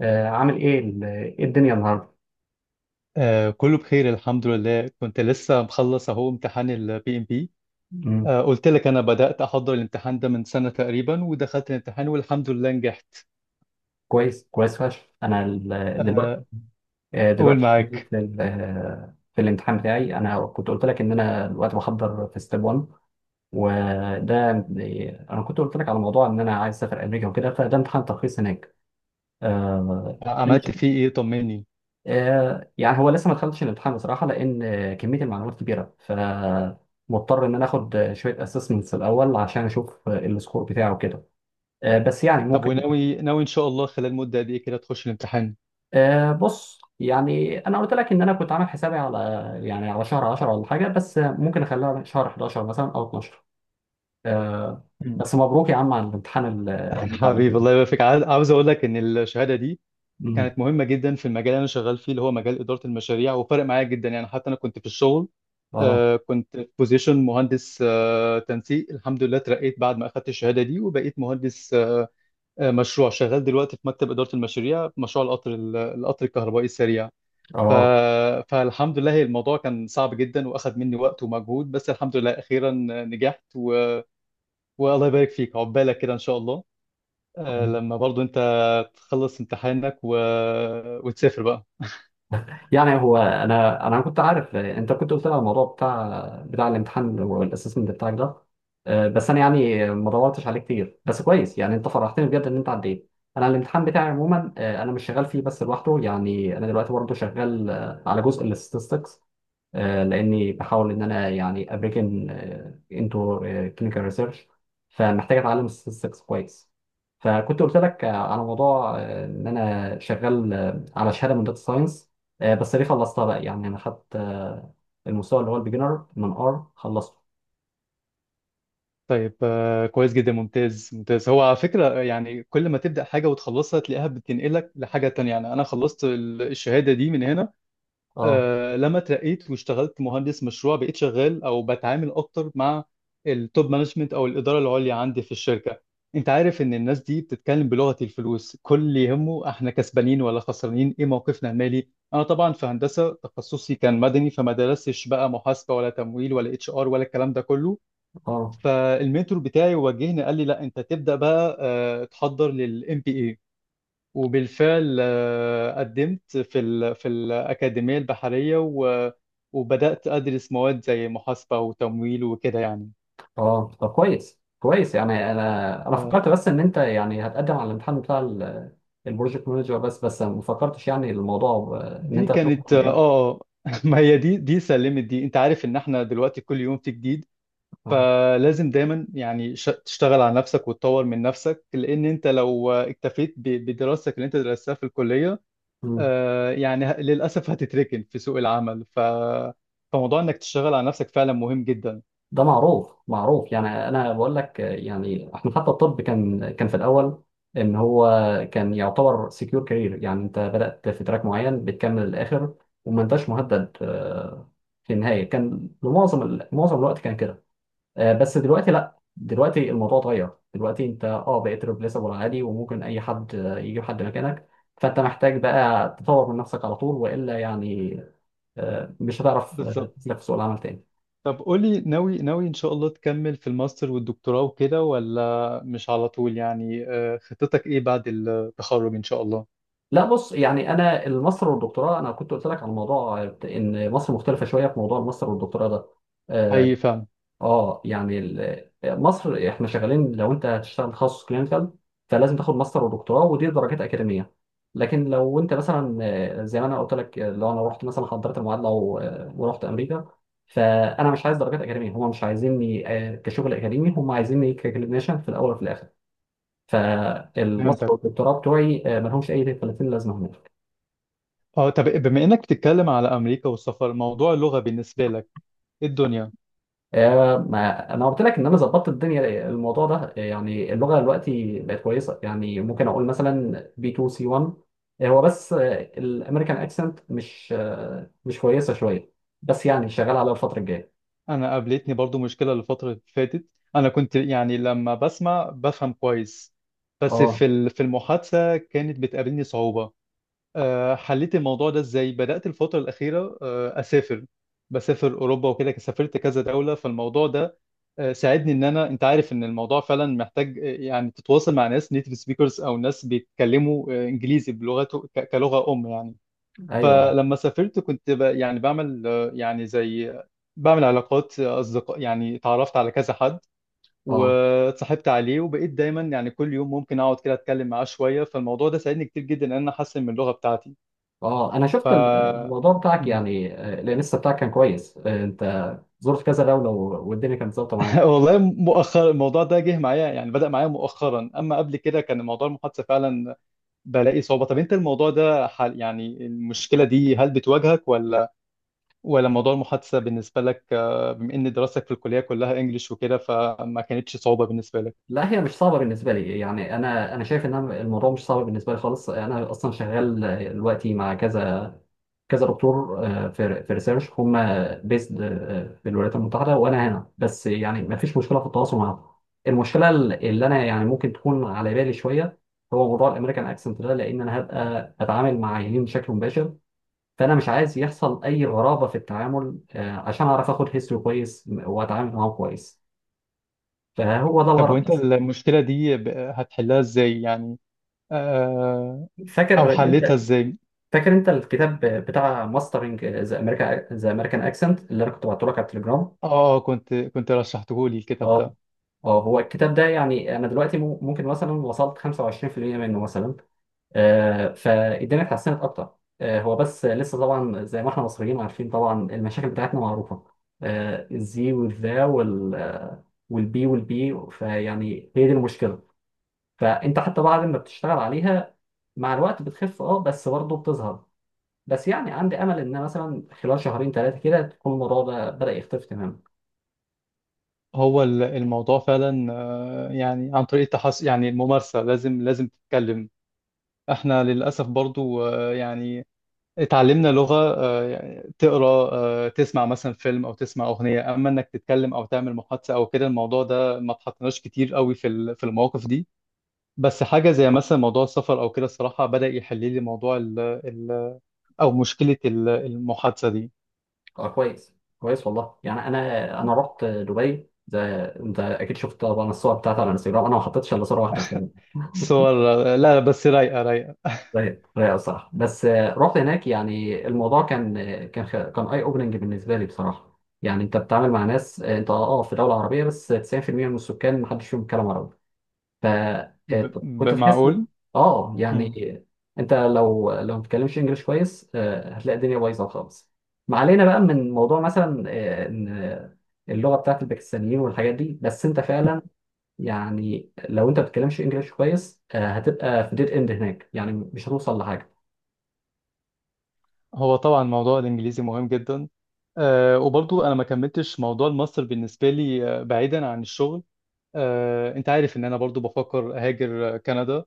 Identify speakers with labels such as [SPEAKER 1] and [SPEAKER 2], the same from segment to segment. [SPEAKER 1] عامل ايه إيه الدنيا النهارده.
[SPEAKER 2] آه، كله بخير الحمد لله. كنت لسه مخلص اهو امتحان البي ام بي.
[SPEAKER 1] مم.
[SPEAKER 2] آه، قلت لك انا بدأت احضر الامتحان ده من سنة تقريبا، ودخلت الامتحان والحمد لله نجحت.
[SPEAKER 1] كويس كويس فشخ انا دلوقتي
[SPEAKER 2] آه، قول
[SPEAKER 1] دلوقتي شغال
[SPEAKER 2] معاك.
[SPEAKER 1] في في الامتحان بتاعي. انا كنت قلت لك ان انا دلوقتي بحضر في ستيب 1، وده انا كنت قلت لك على موضوع ان انا عايز اسافر امريكا وكده، فده امتحان ترخيص هناك. آه، أنا
[SPEAKER 2] عملت
[SPEAKER 1] شايف-
[SPEAKER 2] فيه ايه؟ طمني.
[SPEAKER 1] يعني هو لسه ما دخلتش الامتحان بصراحه، لان كميه المعلومات كبيره، ف مضطر ان انا اخد شويه اسسمنتس الاول عشان اشوف السكور بتاعه كده. بس يعني
[SPEAKER 2] طب
[SPEAKER 1] ممكن
[SPEAKER 2] وناوي ناوي ان شاء الله خلال مدة قد ايه كده تخش الامتحان؟
[SPEAKER 1] بص، يعني انا قلت لك ان انا كنت عامل حسابي على يعني على شهر 10 ولا حاجه، بس ممكن اخليها شهر 11 مثلا او 12. أه.
[SPEAKER 2] مم.
[SPEAKER 1] بس مبروك يا عم على الامتحان ال- اللي انت عملته
[SPEAKER 2] حبيبي،
[SPEAKER 1] ده.
[SPEAKER 2] الله يبارك فيك. عاوز اقول لك ان الشهادة دي
[SPEAKER 1] أمم،
[SPEAKER 2] كانت مهمة جدا في المجال اللي أنا شغال فيه، اللي هو مجال إدارة المشاريع. وفرق معايا جدا يعني، حتى أنا كنت في الشغل،
[SPEAKER 1] اه.
[SPEAKER 2] كنت في بوزيشن مهندس تنسيق. الحمد لله اترقيت بعد ما أخدت الشهادة دي، وبقيت مهندس مشروع شغال دلوقتي في مكتب إدارة المشاريع، في مشروع القطر الكهربائي السريع. ف...
[SPEAKER 1] اه.
[SPEAKER 2] فالحمد لله، هي الموضوع كان صعب جدا وأخد مني وقت ومجهود، بس الحمد لله أخيرا نجحت. والله يبارك فيك، عقبالك كده إن شاء الله.
[SPEAKER 1] آه.
[SPEAKER 2] لما برضو أنت تخلص امتحانك وتسافر بقى.
[SPEAKER 1] يعني هو انا كنت عارف انت كنت قلت لي على الموضوع بتاع الامتحان والاسسمنت بتاعك ده. أه، بس انا يعني ما دورتش عليه كتير. بس كويس يعني، انت فرحتني بجد ان انت عديت. انا الامتحان بتاعي عموما انا مش شغال فيه بس لوحده، يعني انا دلوقتي برضه شغال على جزء الاستاتستكس، لاني بحاول ان انا يعني ابريكن انتو كلينيكال ريسيرش، فمحتاج اتعلم الستاتستكس كويس. فكنت قلت لك على موضوع ان انا شغال على شهاده من داتا ساينس. بس دي خلصتها بقى، يعني انا خدت المستوى اللي هو البيجنر من ار، خلصته.
[SPEAKER 2] طيب، كويس جدا، ممتاز ممتاز. هو على فكرة يعني كل ما تبدأ حاجة وتخلصها تلاقيها بتنقلك لحاجة تانية. يعني أنا خلصت الشهادة دي من هنا،
[SPEAKER 1] اه.
[SPEAKER 2] لما اترقيت واشتغلت مهندس مشروع. بقيت شغال أو بتعامل أكتر مع التوب مانجمنت أو الإدارة العليا عندي في الشركة. أنت عارف إن الناس دي بتتكلم بلغة الفلوس، كل اللي يهمه إحنا كسبانين ولا خسرانين، إيه موقفنا المالي. أنا طبعا في هندسة تخصصي كان مدني، فما درستش بقى محاسبة ولا تمويل ولا اتش ار ولا الكلام ده كله.
[SPEAKER 1] اه.
[SPEAKER 2] فالمنتور بتاعي وجهني، قال لي لا انت تبدا بقى تحضر للام بي اي. وبالفعل قدمت في الاكاديميه البحريه، وبدات ادرس مواد زي محاسبه وتمويل وكده يعني.
[SPEAKER 1] اه، طب كويس كويس. يعني انا
[SPEAKER 2] آه،
[SPEAKER 1] فكرت بس ان انت يعني هتقدم على الامتحان بتاع البروجكت مانجر، بس ما فكرتش يعني الموضوع ان
[SPEAKER 2] دي
[SPEAKER 1] انت هتدخل في
[SPEAKER 2] كانت ما هي دي سلمت دي. انت عارف ان احنا دلوقتي كل يوم في جديد، فلازم دايما يعني تشتغل على نفسك وتطور من نفسك. لان انت لو اكتفيت بدراستك اللي انت درستها في الكليه،
[SPEAKER 1] الام
[SPEAKER 2] يعني للأسف هتتركن في سوق العمل. فموضوع إنك تشتغل على نفسك فعلا مهم جدا.
[SPEAKER 1] ده. معروف معروف. يعني انا بقول لك يعني احنا حتى الطب كان في الاول ان هو كان يعتبر سكيور كارير، يعني انت بدأت في تراك معين بتكمل للاخر، وما انتش مهدد. في النهاية كان معظم الوقت كان كده. بس دلوقتي لا، دلوقتي الموضوع اتغير، دلوقتي انت اه بقيت ريبليسبل عادي، وممكن اي حد يجيب حد مكانك. فانت محتاج بقى تطور من نفسك على طول، والا يعني مش هتعرف
[SPEAKER 2] بالظبط.
[SPEAKER 1] تسلك في سوق العمل تاني.
[SPEAKER 2] طب قولي ناوي ناوي إن شاء الله تكمل في الماستر والدكتوراه وكده، ولا مش على طول يعني؟ خطتك إيه بعد التخرج إن شاء الله؟
[SPEAKER 1] لا بص، يعني انا الماستر والدكتوراه، انا كنت قلت لك على الموضوع ان مصر مختلفه شويه في موضوع الماستر والدكتوراه ده. اه.
[SPEAKER 2] حقيقي فعلا.
[SPEAKER 1] مصر احنا شغالين، لو انت هتشتغل تخصص كلينيكال فلازم تاخد ماستر ودكتوراه، ودي درجات اكاديميه. لكن لو انت مثلا زي ما انا قلت لك، لو انا رحت مثلا حضرت المعادله ورحت امريكا، فانا مش عايز درجات اكاديميه، هم مش عايزيني كشغل اكاديمي، هم عايزيني ككلينيشن في الاول وفي الاخر. فالماستر
[SPEAKER 2] فهمتك.
[SPEAKER 1] والدكتوراه بتوعي ملهمش اي 30 لازمه هناك.
[SPEAKER 2] اه، طب بما إنك بتتكلم على أمريكا والسفر، موضوع اللغة بالنسبة لك إيه الدنيا؟
[SPEAKER 1] ما انا قلت لك ان انا ظبطت الدنيا الموضوع ده. يعني اللغه دلوقتي بقت كويسه، يعني ممكن اقول مثلا بي 2 سي 1. هو بس الامريكان اكسنت مش كويسه شويه، بس يعني شغال على الفتره الجايه.
[SPEAKER 2] انا قابلتني برضو مشكله الفتره اللي فاتت. انا كنت يعني لما بسمع بفهم كويس، بس
[SPEAKER 1] اه.
[SPEAKER 2] في المحادثه كانت بتقابلني صعوبه. أه، حليت الموضوع ده ازاي؟ بدات الفتره الاخيره اسافر، بسافر اوروبا وكده، سافرت كذا دوله. فالموضوع ده ساعدني ان انا انت عارف ان الموضوع فعلا محتاج، يعني تتواصل مع ناس نيتيف سبيكرز، او ناس بيتكلموا انجليزي بلغته كلغه ام يعني.
[SPEAKER 1] ايوه.
[SPEAKER 2] فلما سافرت كنت يعني بعمل، يعني زي بعمل علاقات أصدقاء. يعني اتعرفت على كذا حد
[SPEAKER 1] اه.
[SPEAKER 2] واتصاحبت عليه، وبقيت دايما يعني كل يوم ممكن أقعد كده أتكلم معاه شوية. فالموضوع ده ساعدني كتير جدا إن أنا أحسن من اللغة بتاعتي
[SPEAKER 1] اه، انا شفت
[SPEAKER 2] ف
[SPEAKER 1] الموضوع بتاعك
[SPEAKER 2] مم.
[SPEAKER 1] يعني، لسه بتاعك كان كويس. انت زرت كذا دوله والدنيا كانت ظابطه معاك.
[SPEAKER 2] والله مؤخرا الموضوع ده جه معايا يعني، بدأ معايا مؤخرا. أما قبل كده كان موضوع المحادثة فعلا بلاقي صعوبة. طب أنت الموضوع ده حل، يعني المشكلة دي هل بتواجهك، ولا موضوع المحادثة بالنسبة لك بما إن دراستك في الكلية كلها إنجليش وكده فما كانتش صعوبة بالنسبة لك؟
[SPEAKER 1] لا، هي مش صعبة بالنسبة لي، يعني أنا شايف إن أنا الموضوع مش صعب بالنسبة لي خالص. أنا أصلا شغال دلوقتي مع كذا دكتور آه، في ريسيرش، هم بيسد في الولايات المتحده وانا هنا، بس يعني ما فيش مشكله في التواصل معاهم. المشكله اللي انا يعني ممكن تكون على بالي شويه، هو موضوع الامريكان اكسنت ده، لان انا هبقى اتعامل مع عيانين بشكل مباشر. فانا مش عايز يحصل اي غرابه في التعامل، عشان اعرف اخد هيستوري كويس واتعامل معاهم كويس. فهو ده
[SPEAKER 2] طب
[SPEAKER 1] الغرض
[SPEAKER 2] وإنت
[SPEAKER 1] بس.
[SPEAKER 2] المشكلة دي هتحلها إزاي يعني، آه، أو
[SPEAKER 1] فاكر
[SPEAKER 2] حلتها
[SPEAKER 1] انت
[SPEAKER 2] إزاي؟
[SPEAKER 1] فاكر انت الكتاب بتاع ماسترنج ذا امريكان اكسنت، اللي انا كنت بعته لك على التليجرام.
[SPEAKER 2] آه، كنت رشحته لي الكتاب
[SPEAKER 1] اه.
[SPEAKER 2] ده.
[SPEAKER 1] اه، هو الكتاب ده يعني انا دلوقتي ممكن مثلا وصلت 25% منه مثلا، فالدنيا اتحسنت اكتر. هو بس لسه طبعا زي ما احنا مصريين عارفين، طبعا المشاكل بتاعتنا معروفه. الزي والذا والبي فيعني هي دي المشكله. فانت حتى بعد ما بتشتغل عليها مع الوقت بتخف اه، بس برضه بتظهر. بس يعني عندي امل ان مثلا خلال شهرين ثلاثه كده تكون الموضوع ده بدا يختفي تماما.
[SPEAKER 2] هو الموضوع فعلا، يعني عن طريق يعني الممارسة. لازم لازم تتكلم. إحنا للأسف برضو يعني اتعلمنا لغة، يعني تقرا، تسمع مثلا فيلم او تسمع اغنية. اما انك تتكلم او تعمل محادثة او كده، الموضوع ده ما اتحطناش كتير قوي في المواقف دي. بس حاجة زي مثلا موضوع السفر او كده الصراحة بدأ يحل لي موضوع ال ال او مشكلة المحادثة دي.
[SPEAKER 1] اه كويس. كويس والله، يعني انا رحت دبي. زي انت اكيد شفت طبعا الصور بتاعتي على انستغرام، انا ما حطيتش الا صوره واحده في
[SPEAKER 2] الصور، لا لا، بس رايقة رايقة.
[SPEAKER 1] زي الصراحه. بس رحت هناك، يعني الموضوع كان كان اي اوبننج بالنسبه لي بصراحه. يعني انت بتتعامل مع ناس انت اه في دوله عربيه، بس 90% من السكان ما حدش فيهم بيتكلم عربي. فكنت تحس
[SPEAKER 2] معقول.
[SPEAKER 1] اه.
[SPEAKER 2] مم.
[SPEAKER 1] يعني انت لو ما بتتكلمش انجليش كويس هتلاقي الدنيا بايظه خالص. ما علينا بقى من موضوع مثلا ان اللغه بتاعت الباكستانيين والحاجات دي. بس انت فعلا يعني لو انت ما بتتكلمش انجليش كويس هتبقى في ديد اند هناك، يعني مش هتوصل لحاجه.
[SPEAKER 2] هو طبعا موضوع الانجليزي مهم جدا. وبرضو انا ما كملتش موضوع الماستر بالنسبة لي، بعيدا عن الشغل. انت عارف ان انا برضو بفكر اهاجر كندا.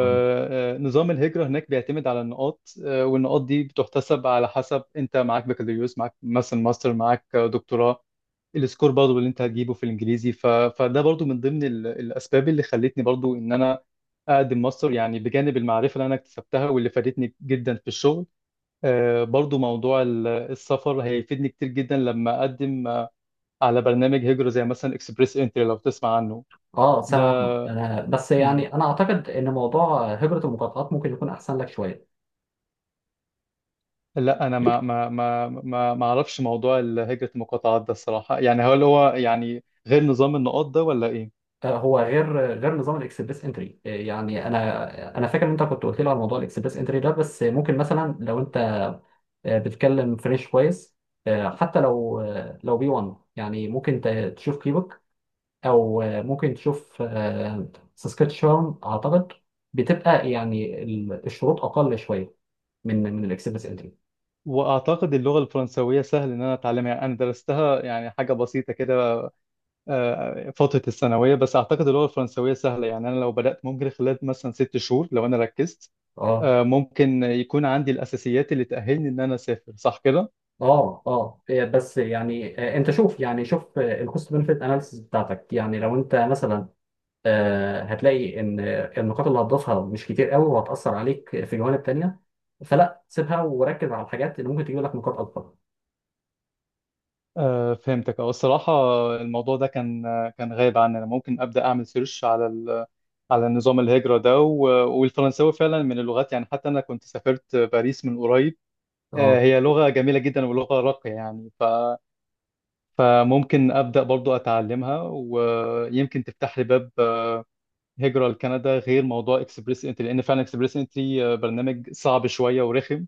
[SPEAKER 1] مم.
[SPEAKER 2] الهجرة هناك بيعتمد على النقاط، والنقاط دي بتحتسب على حسب انت معاك بكالوريوس، معاك مثلا ماستر، معاك دكتوراه. السكور برضو اللي انت هتجيبه في الانجليزي. فده برضو من ضمن الاسباب اللي خلتني برضو ان انا اقدم ماستر، يعني بجانب المعرفة اللي انا اكتسبتها واللي فادتني جدا في الشغل. برضو موضوع السفر هيفيدني كتير جدا لما اقدم على برنامج هجرة زي مثلا اكسبريس انتري، لو تسمع عنه.
[SPEAKER 1] اه، سامع عنه. بس
[SPEAKER 2] مم.
[SPEAKER 1] يعني انا اعتقد ان موضوع هجره المقاطعات ممكن يكون احسن لك شويه.
[SPEAKER 2] لا انا ما اعرفش موضوع هجرة المقاطعات ده الصراحة، يعني هل هو يعني غير نظام النقاط ده ولا ايه؟
[SPEAKER 1] هو غير نظام الاكسبريس انتري. يعني انا فاكر ان انت كنت قلت لي على موضوع الاكسبريس انتري ده. بس ممكن مثلا لو انت بتتكلم فرنش كويس، حتى لو لو بي 1، يعني ممكن تشوف كيبك، او ممكن تشوف ساسكاتشوان اعتقد، بتبقى يعني الشروط اقل شويه من الاكسبريس انتري.
[SPEAKER 2] واعتقد اللغة الفرنسوية سهل ان انا اتعلمها. يعني انا درستها يعني حاجة بسيطة كده، فترة الثانوية، بس اعتقد اللغة الفرنسوية سهلة. يعني انا لو بدأت ممكن خلال مثلا ست شهور لو انا ركزت،
[SPEAKER 1] اه.
[SPEAKER 2] ممكن يكون عندي الأساسيات اللي تأهلني إن أنا أسافر، صح كده؟
[SPEAKER 1] اه. اه بس يعني انت شوف، يعني شوف الكوست بنفيت اناليسيس بتاعتك. يعني لو انت مثلا هتلاقي ان النقاط اللي هتضيفها مش كتير قوي، وهتأثر عليك في جوانب تانية، فلا سيبها وركز على الحاجات اللي ممكن تجيب لك نقاط اكبر.
[SPEAKER 2] فهمتك. الصراحة الموضوع ده كان غايب عني. أنا ممكن أبدأ أعمل سيرش على نظام الهجرة ده، والفرنساوي فعلا من اللغات. يعني حتى أنا كنت سافرت باريس من قريب،
[SPEAKER 1] اه.
[SPEAKER 2] هي لغة جميلة جدا ولغة راقية يعني. فممكن أبدأ برضو أتعلمها، ويمكن تفتح لي باب هجرة لكندا غير موضوع إكسبريس إنتري. لأن فعلا إكسبريس إنتري برنامج صعب شوية ورخم،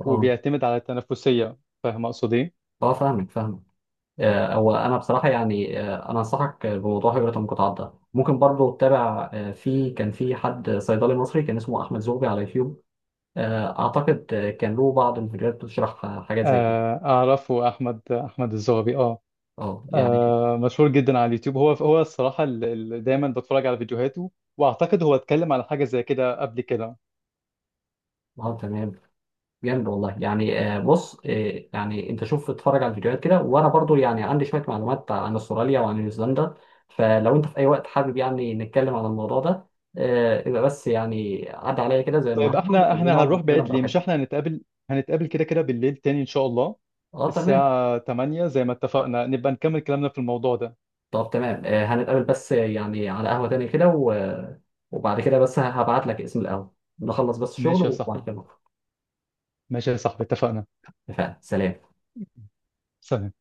[SPEAKER 1] اه.
[SPEAKER 2] وبيعتمد على التنافسية. فاهم أقصد إيه؟
[SPEAKER 1] اه فاهمك فاهمك. او انا بصراحه يعني انا انصحك بموضوع هجره المقاطعات ده. ممكن برضو تتابع في كان في حد صيدلي مصري كان اسمه احمد زوبي على يوتيوب. اعتقد كان له بعض الفيديوهات بتشرح حاجات زي كده.
[SPEAKER 2] آه، أعرفه، أحمد الزغبي، أه.
[SPEAKER 1] اه يعني.
[SPEAKER 2] آه مشهور جدا على اليوتيوب. هو الصراحة اللي دايما بتفرج على فيديوهاته. واعتقد هو اتكلم على حاجة زي كده قبل كده.
[SPEAKER 1] اه تمام. جامد والله. يعني بص يعني انت شوف اتفرج على الفيديوهات كده، وانا برضو يعني عندي شويه معلومات عن استراليا وعن نيوزيلندا. فلو انت في اي وقت حابب يعني نتكلم عن الموضوع ده، يبقى بس يعني عدى عليا كده زي
[SPEAKER 2] طيب
[SPEAKER 1] النهارده
[SPEAKER 2] احنا
[SPEAKER 1] ونقعد
[SPEAKER 2] هنروح
[SPEAKER 1] نتكلم
[SPEAKER 2] بعيد ليه؟ مش
[SPEAKER 1] براحتنا.
[SPEAKER 2] احنا هنتقابل كده كده بالليل تاني ان شاء الله
[SPEAKER 1] اه تمام.
[SPEAKER 2] الساعة 8، زي ما اتفقنا نبقى نكمل كلامنا في الموضوع ده.
[SPEAKER 1] طب تمام هنتقابل بس يعني على قهوه تاني كده، وبعد كده بس هبعت لك اسم القهوه. نخلص بس شغل
[SPEAKER 2] ماشي يا
[SPEAKER 1] وبعد
[SPEAKER 2] صاحبي،
[SPEAKER 1] كده نخرج.
[SPEAKER 2] ماشي يا صاحبي، اتفقنا.
[SPEAKER 1] اتفقنا، سلام.
[SPEAKER 2] سلام.